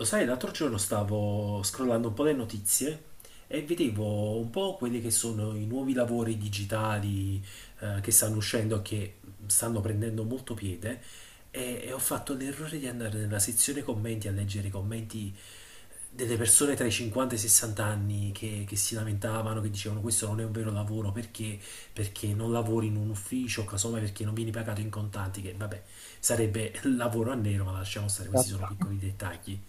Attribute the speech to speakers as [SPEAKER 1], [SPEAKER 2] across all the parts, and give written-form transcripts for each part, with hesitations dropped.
[SPEAKER 1] Lo sai, l'altro giorno stavo scrollando un po' le notizie e vedevo un po' quelli che sono i nuovi lavori digitali che stanno uscendo, che stanno prendendo molto piede, e ho fatto l'errore di andare nella sezione commenti a leggere i commenti delle persone tra i 50 e i 60 anni che si lamentavano, che dicevano questo non è un vero lavoro perché non lavori in un ufficio, casomai perché non vieni pagato in contanti, che vabbè sarebbe lavoro a nero, ma lasciamo stare, questi sono
[SPEAKER 2] Esatto.
[SPEAKER 1] piccoli dettagli.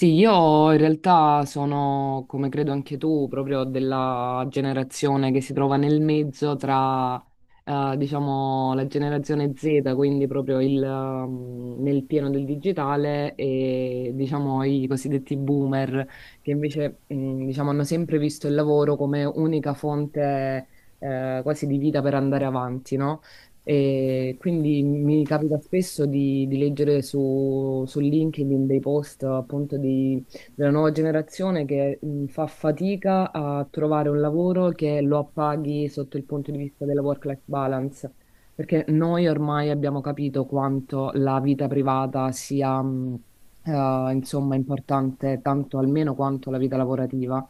[SPEAKER 2] Sì, io in realtà sono, come credo anche tu, proprio della generazione che si trova nel mezzo tra, diciamo, la generazione Z, quindi proprio il, nel pieno del digitale, e, diciamo, i cosiddetti boomer, che invece, diciamo, hanno sempre visto il lavoro come unica fonte, quasi di vita per andare avanti, no? E quindi mi capita spesso di leggere su LinkedIn dei post appunto della nuova generazione che fa fatica a trovare un lavoro che lo appaghi sotto il punto di vista della work-life balance, perché noi ormai abbiamo capito quanto la vita privata sia, insomma, importante tanto almeno quanto la vita lavorativa.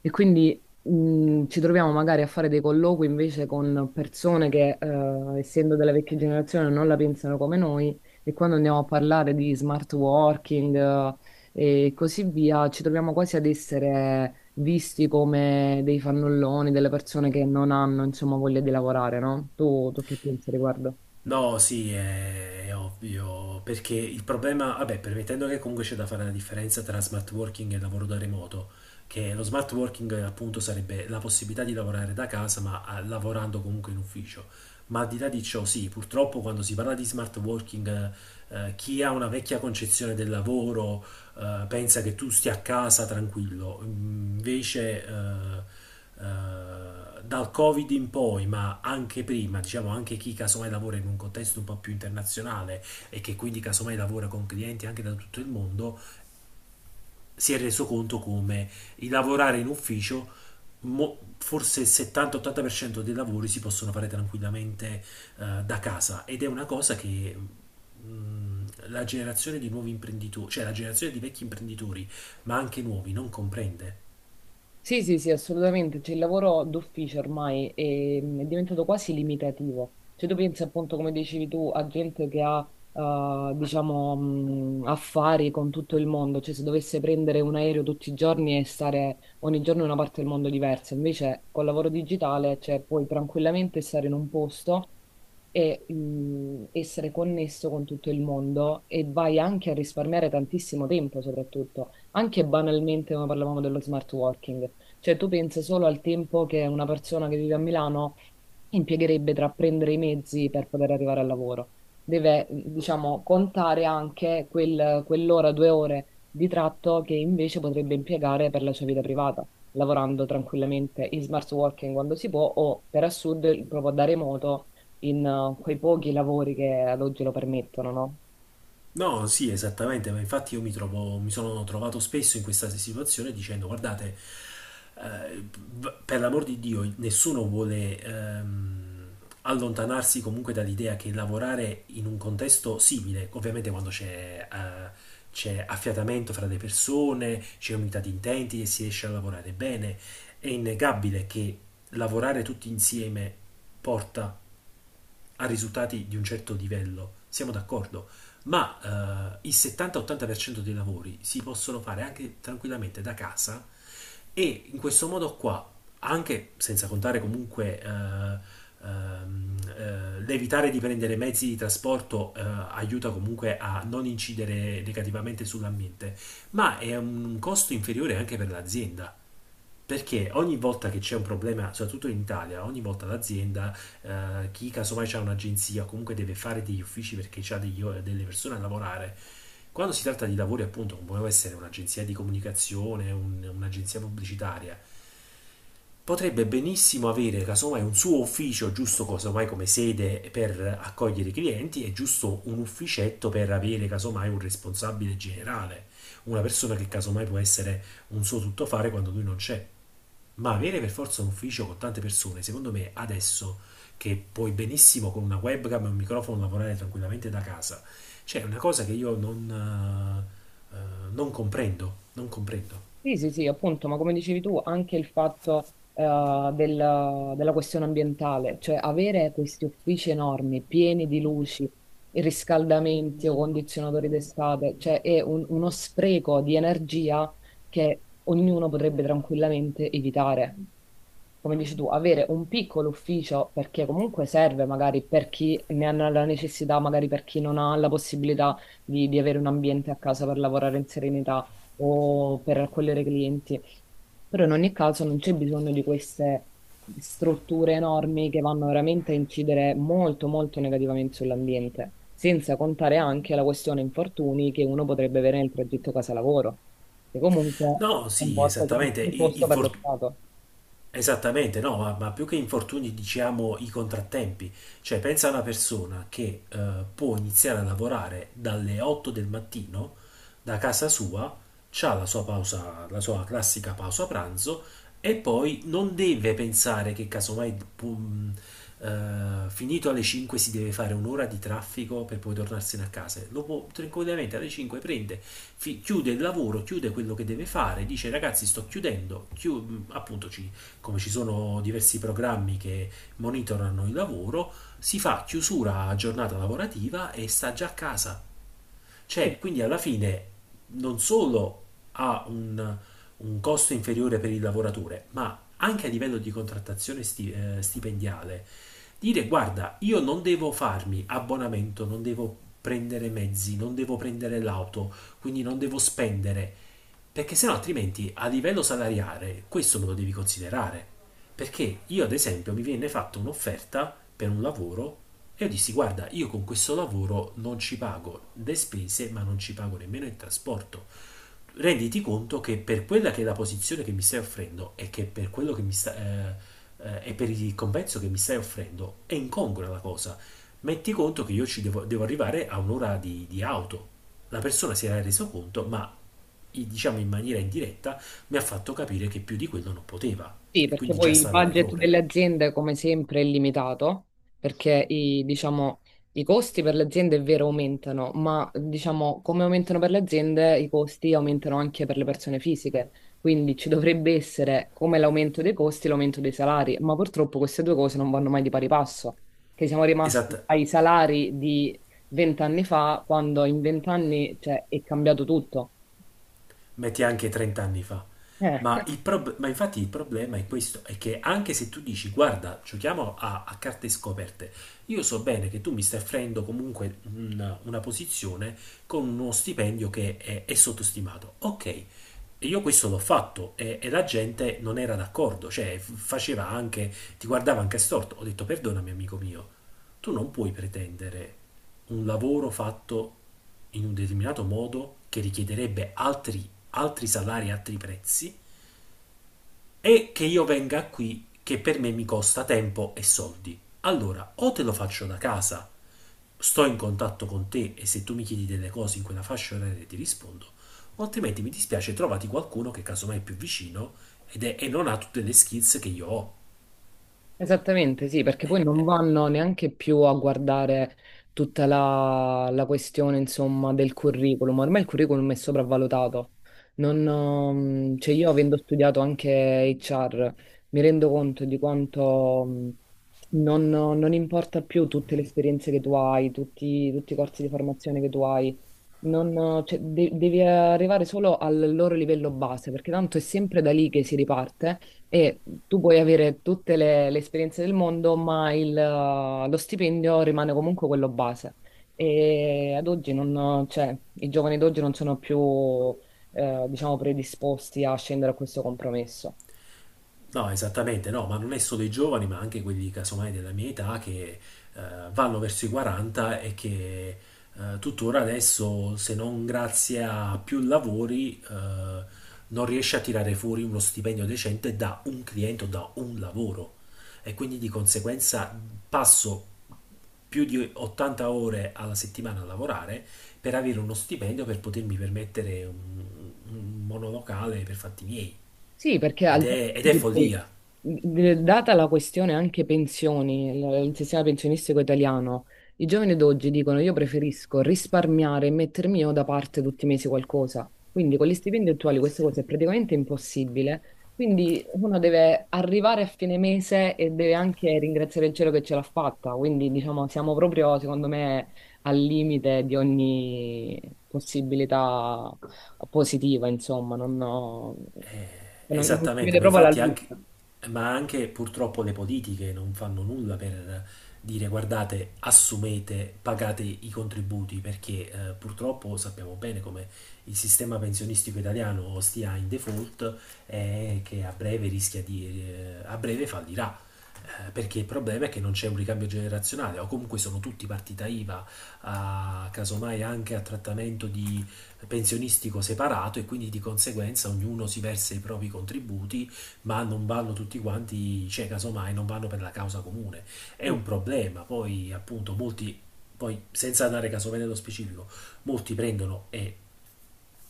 [SPEAKER 2] E quindi ci troviamo magari a fare dei colloqui invece con persone che, essendo della vecchia generazione, non la pensano come noi e quando andiamo a parlare di smart working, e così via, ci troviamo quasi ad essere visti come dei fannulloni, delle persone che non hanno, insomma, voglia di lavorare, no? Tu che pensi riguardo?
[SPEAKER 1] No, sì, è ovvio, perché il problema, vabbè, permettendo che comunque c'è da fare la differenza tra smart working e lavoro da remoto, che lo smart working appunto sarebbe la possibilità di lavorare da casa, ma lavorando comunque in ufficio. Ma al di là di ciò, sì, purtroppo quando si parla di smart working, chi ha una vecchia concezione del lavoro pensa che tu stia a casa tranquillo. Invece, dal Covid in poi, ma anche prima, diciamo anche chi casomai lavora in un contesto un po' più internazionale e che quindi casomai lavora con clienti anche da tutto il mondo, si è reso conto come il lavorare in ufficio. Forse il 70-80% dei lavori si possono fare tranquillamente da casa ed è una cosa che la generazione di nuovi imprenditori, cioè la generazione di vecchi imprenditori, ma anche nuovi, non comprende.
[SPEAKER 2] Sì, sì, sì, assolutamente. Cioè, il lavoro d'ufficio ormai è diventato quasi limitativo. Cioè, tu pensi appunto, come dicevi tu, a gente che ha, diciamo, affari con tutto il mondo. Cioè, se dovesse prendere un aereo tutti i giorni e stare ogni giorno in una parte del mondo diversa. Invece, col lavoro digitale, cioè, puoi tranquillamente stare in un posto e essere connesso con tutto il mondo e vai anche a risparmiare tantissimo tempo, soprattutto, anche banalmente come parlavamo dello smart working. Cioè, tu pensi solo al tempo che una persona che vive a Milano impiegherebbe tra prendere i mezzi per poter arrivare al lavoro. Deve, diciamo, contare anche quell'ora, due ore di tratto che invece potrebbe impiegare per la sua vita privata, lavorando tranquillamente in smart working quando si può o per assurdo proprio da remoto in quei pochi lavori che ad oggi lo permettono, no?
[SPEAKER 1] No, sì, esattamente, ma infatti io mi trovo, mi sono trovato spesso in questa situazione dicendo, guardate, eh, per l'amor di Dio, nessuno vuole allontanarsi comunque dall'idea che lavorare in un contesto simile, ovviamente quando c'è, c'è affiatamento fra le persone, c'è unità di intenti e si riesce a lavorare bene, è innegabile che lavorare tutti insieme porta a risultati di un certo livello, siamo d'accordo, ma il 70-80% dei lavori si possono fare anche tranquillamente da casa e in questo modo qua, anche senza contare comunque l'evitare di prendere mezzi di trasporto aiuta comunque a non incidere negativamente sull'ambiente, ma è un costo inferiore anche per l'azienda perché ogni volta che c'è un problema, soprattutto in Italia, ogni volta l'azienda, chi casomai ha un'agenzia, comunque deve fare degli uffici perché ha degli delle persone a lavorare, quando si tratta di lavori appunto, come può essere un'agenzia di comunicazione, un'agenzia pubblicitaria, potrebbe benissimo avere casomai un suo ufficio, giusto casomai come sede per accogliere i clienti e giusto un ufficetto per avere casomai un responsabile generale, una persona che casomai può essere un suo tuttofare quando lui non c'è. Ma avere per forza un ufficio con tante persone, secondo me adesso che puoi benissimo con una webcam e un microfono lavorare tranquillamente da casa, cioè è una cosa che io eh, eh, non comprendo, non comprendo.
[SPEAKER 2] Sì, sì, sì, appunto, ma come dicevi tu, anche il fatto della questione ambientale, cioè avere questi uffici enormi, pieni di luci, riscaldamenti o condizionatori d'estate, cioè è uno spreco di energia che ognuno potrebbe tranquillamente evitare. Come dici tu, avere un piccolo ufficio perché comunque serve magari per chi ne ha la necessità, magari per chi non ha la possibilità di avere un ambiente a casa per lavorare in serenità o per raccogliere clienti. Però in ogni caso non c'è bisogno di queste strutture enormi che vanno veramente a incidere molto negativamente sull'ambiente, senza contare anche la questione infortuni che uno potrebbe avere nel progetto casa-lavoro, che comunque
[SPEAKER 1] No, sì,
[SPEAKER 2] comporta sempre
[SPEAKER 1] esattamente.
[SPEAKER 2] un costo per lo Stato.
[SPEAKER 1] Esattamente, no, ma più che infortuni diciamo i contrattempi, cioè pensa a una persona che può iniziare a lavorare dalle 8 del mattino da casa sua, ha la sua pausa, la sua classica pausa pranzo e poi non deve pensare che casomai pum, finito alle 5 si deve fare un'ora di traffico per poi tornarsene a casa. Lo può tranquillamente alle 5 chiude il lavoro, chiude quello che deve fare, dice ragazzi sto chiudendo, appunto ci come ci sono diversi programmi che monitorano il lavoro, si fa chiusura a giornata lavorativa e sta già a casa.
[SPEAKER 2] Sì,
[SPEAKER 1] Cioè, quindi alla fine non solo ha un costo inferiore per il lavoratore, ma anche a livello di contrattazione stipendiale dire guarda, io non devo farmi abbonamento, non devo prendere mezzi, non devo prendere l'auto, quindi non devo spendere, perché sennò altrimenti a livello salariale questo me lo devi considerare. Perché io ad esempio mi viene fatta un'offerta per un lavoro e io dissi guarda, io con questo lavoro non ci pago le spese, ma non ci pago nemmeno il trasporto renditi conto che per quella che è la posizione che mi stai offrendo e che per quello che mi sta, e per il compenso che mi stai offrendo è incongrua la cosa. Metti conto che io ci devo arrivare a un'ora di auto. La persona si era reso conto, ma diciamo in maniera indiretta mi ha fatto capire che più di quello non poteva
[SPEAKER 2] sì,
[SPEAKER 1] e
[SPEAKER 2] perché
[SPEAKER 1] quindi già
[SPEAKER 2] poi il
[SPEAKER 1] stava in
[SPEAKER 2] budget
[SPEAKER 1] errore.
[SPEAKER 2] delle aziende, come sempre, è limitato, perché i, diciamo, i costi per le aziende è vero aumentano, ma diciamo, come aumentano per le aziende, i costi aumentano anche per le persone fisiche. Quindi ci dovrebbe essere come l'aumento dei costi, l'aumento dei salari, ma purtroppo queste due cose non vanno mai di pari passo, che siamo rimasti
[SPEAKER 1] Esatto,
[SPEAKER 2] ai salari di vent'anni fa, quando in vent'anni, cioè, è cambiato tutto.
[SPEAKER 1] metti anche 30 anni fa.
[SPEAKER 2] Eh.
[SPEAKER 1] Ma infatti il problema è questo, è che anche se tu dici guarda, giochiamo a carte scoperte, io so bene che tu mi stai offrendo comunque una posizione con uno stipendio che è sottostimato. Ok, e io questo l'ho fatto e la gente non era d'accordo, cioè faceva anche, ti guardava anche storto. Ho detto perdonami amico mio, tu non puoi pretendere un lavoro fatto in un determinato modo che richiederebbe altri salari, e altri prezzi e che io venga qui che per me mi costa tempo e soldi. Allora, o te lo faccio da casa, sto in contatto con te e se tu mi chiedi delle cose in quella fascia oraria ti rispondo, o altrimenti mi dispiace trovati qualcuno che casomai è più vicino e non ha tutte le skills che io ho.
[SPEAKER 2] Esattamente, sì, perché poi non vanno neanche più a guardare tutta la questione, insomma, del curriculum. Ormai il curriculum è sopravvalutato. Non, cioè io avendo studiato anche HR, mi rendo conto di quanto non, non importa più tutte le esperienze che tu hai, tutti i corsi di formazione che tu hai. Non, cioè, devi arrivare solo al loro livello base, perché tanto è sempre da lì che si riparte e tu puoi avere tutte le esperienze del mondo, ma lo stipendio rimane comunque quello base. E ad oggi non, cioè, i giovani d'oggi non sono più, diciamo, predisposti a scendere a questo compromesso.
[SPEAKER 1] No, esattamente, no, ma non è solo i giovani, ma anche quelli casomai della mia età che eh, vanno verso i 40 e che tuttora adesso, se non grazie a più lavori, non riesce a tirare fuori uno stipendio decente da un cliente o da un lavoro. E quindi di conseguenza passo più di 80 ore alla settimana a lavorare per avere uno stipendio per potermi permettere un monolocale per fatti miei.
[SPEAKER 2] Sì, perché
[SPEAKER 1] Ed
[SPEAKER 2] al giorno
[SPEAKER 1] è, ed è
[SPEAKER 2] d'oggi poi,
[SPEAKER 1] follia.
[SPEAKER 2] data la questione anche pensioni, il sistema pensionistico italiano, i giovani d'oggi dicono io preferisco risparmiare e mettermi io da parte tutti i mesi qualcosa. Quindi con gli stipendi attuali
[SPEAKER 1] Eh sì.
[SPEAKER 2] questa cosa è praticamente impossibile. Quindi uno deve arrivare a fine mese e deve anche ringraziare il cielo che ce l'ha fatta. Quindi diciamo siamo proprio, secondo me, al limite di ogni possibilità positiva, insomma, non, non si
[SPEAKER 1] Esattamente,
[SPEAKER 2] vede
[SPEAKER 1] ma
[SPEAKER 2] proprio la
[SPEAKER 1] infatti
[SPEAKER 2] luce
[SPEAKER 1] anche, ma anche purtroppo le politiche non fanno nulla per dire guardate, assumete, pagate i contributi, perché purtroppo sappiamo bene come il sistema pensionistico italiano stia in default e che a breve rischia di, a breve fallirà. Perché il problema è che non c'è un ricambio generazionale, o comunque sono tutti partita IVA, casomai anche a trattamento di pensionistico separato e quindi di conseguenza ognuno si versa i propri contributi, ma non vanno tutti quanti, cioè casomai non vanno per la causa comune. È un problema, poi appunto molti, poi senza andare casomai nello specifico, molti prendono e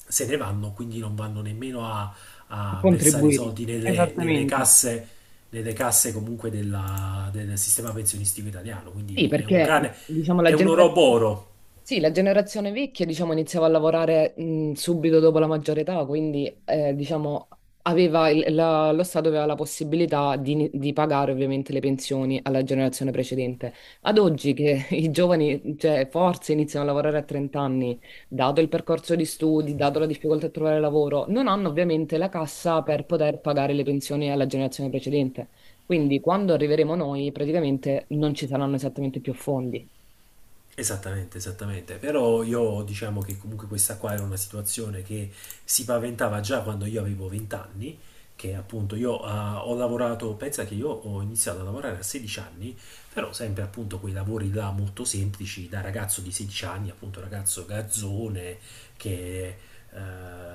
[SPEAKER 1] se ne vanno, quindi non vanno nemmeno a,
[SPEAKER 2] a
[SPEAKER 1] a versare i
[SPEAKER 2] contribuire.
[SPEAKER 1] soldi nelle,
[SPEAKER 2] Esattamente.
[SPEAKER 1] nelle casse comunque del sistema pensionistico italiano,
[SPEAKER 2] Sì,
[SPEAKER 1] quindi è un
[SPEAKER 2] perché
[SPEAKER 1] cane,
[SPEAKER 2] diciamo la
[SPEAKER 1] è un
[SPEAKER 2] generazione.
[SPEAKER 1] oroboro.
[SPEAKER 2] Sì, la generazione vecchia, diciamo, iniziava a lavorare subito dopo la maggiore età, quindi, diciamo, aveva lo Stato aveva la possibilità di, di pagare ovviamente le pensioni alla generazione precedente. Ad oggi che i giovani, cioè, forse iniziano a lavorare a 30 anni, dato il percorso di studi, dato la difficoltà a trovare lavoro, non hanno ovviamente la cassa per poter pagare le pensioni alla generazione precedente. Quindi, quando arriveremo noi, praticamente non ci saranno esattamente più fondi.
[SPEAKER 1] Esattamente, esattamente. Però io diciamo che comunque questa qua era una situazione che si paventava già quando io avevo 20 anni, che appunto io ho lavorato, pensa che io ho iniziato a lavorare a 16 anni, però sempre appunto quei lavori là molto semplici, da ragazzo di 16 anni, appunto ragazzo garzone che eh,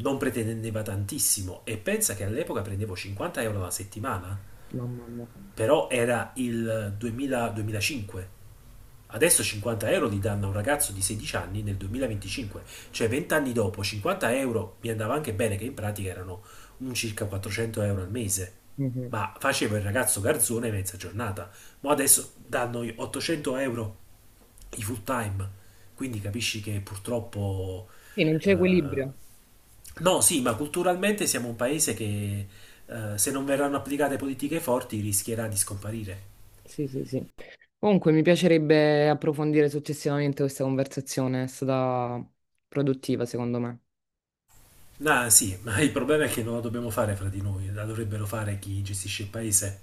[SPEAKER 1] non pretendeva tantissimo e pensa che all'epoca prendevo 50 euro alla settimana,
[SPEAKER 2] Mamma mia.
[SPEAKER 1] però era il 2000-2005. Adesso 50 euro li danno a un ragazzo di 16 anni nel 2025, cioè 20 anni dopo 50 euro mi andava anche bene che in pratica erano un circa 400 euro al mese,
[SPEAKER 2] Mhm.
[SPEAKER 1] ma facevo il ragazzo garzone mezza giornata, ma adesso danno i 800 euro i full time, quindi capisci che purtroppo...
[SPEAKER 2] Sì, non c'è equilibrio.
[SPEAKER 1] eh, no, sì, ma culturalmente siamo un paese che se non verranno applicate politiche forti rischierà di scomparire.
[SPEAKER 2] Sì, sì, sì. Comunque, mi piacerebbe approfondire successivamente questa conversazione, è stata produttiva, secondo me.
[SPEAKER 1] Ah, sì, ma il problema è che non la dobbiamo fare fra di noi, la dovrebbero fare chi gestisce il paese.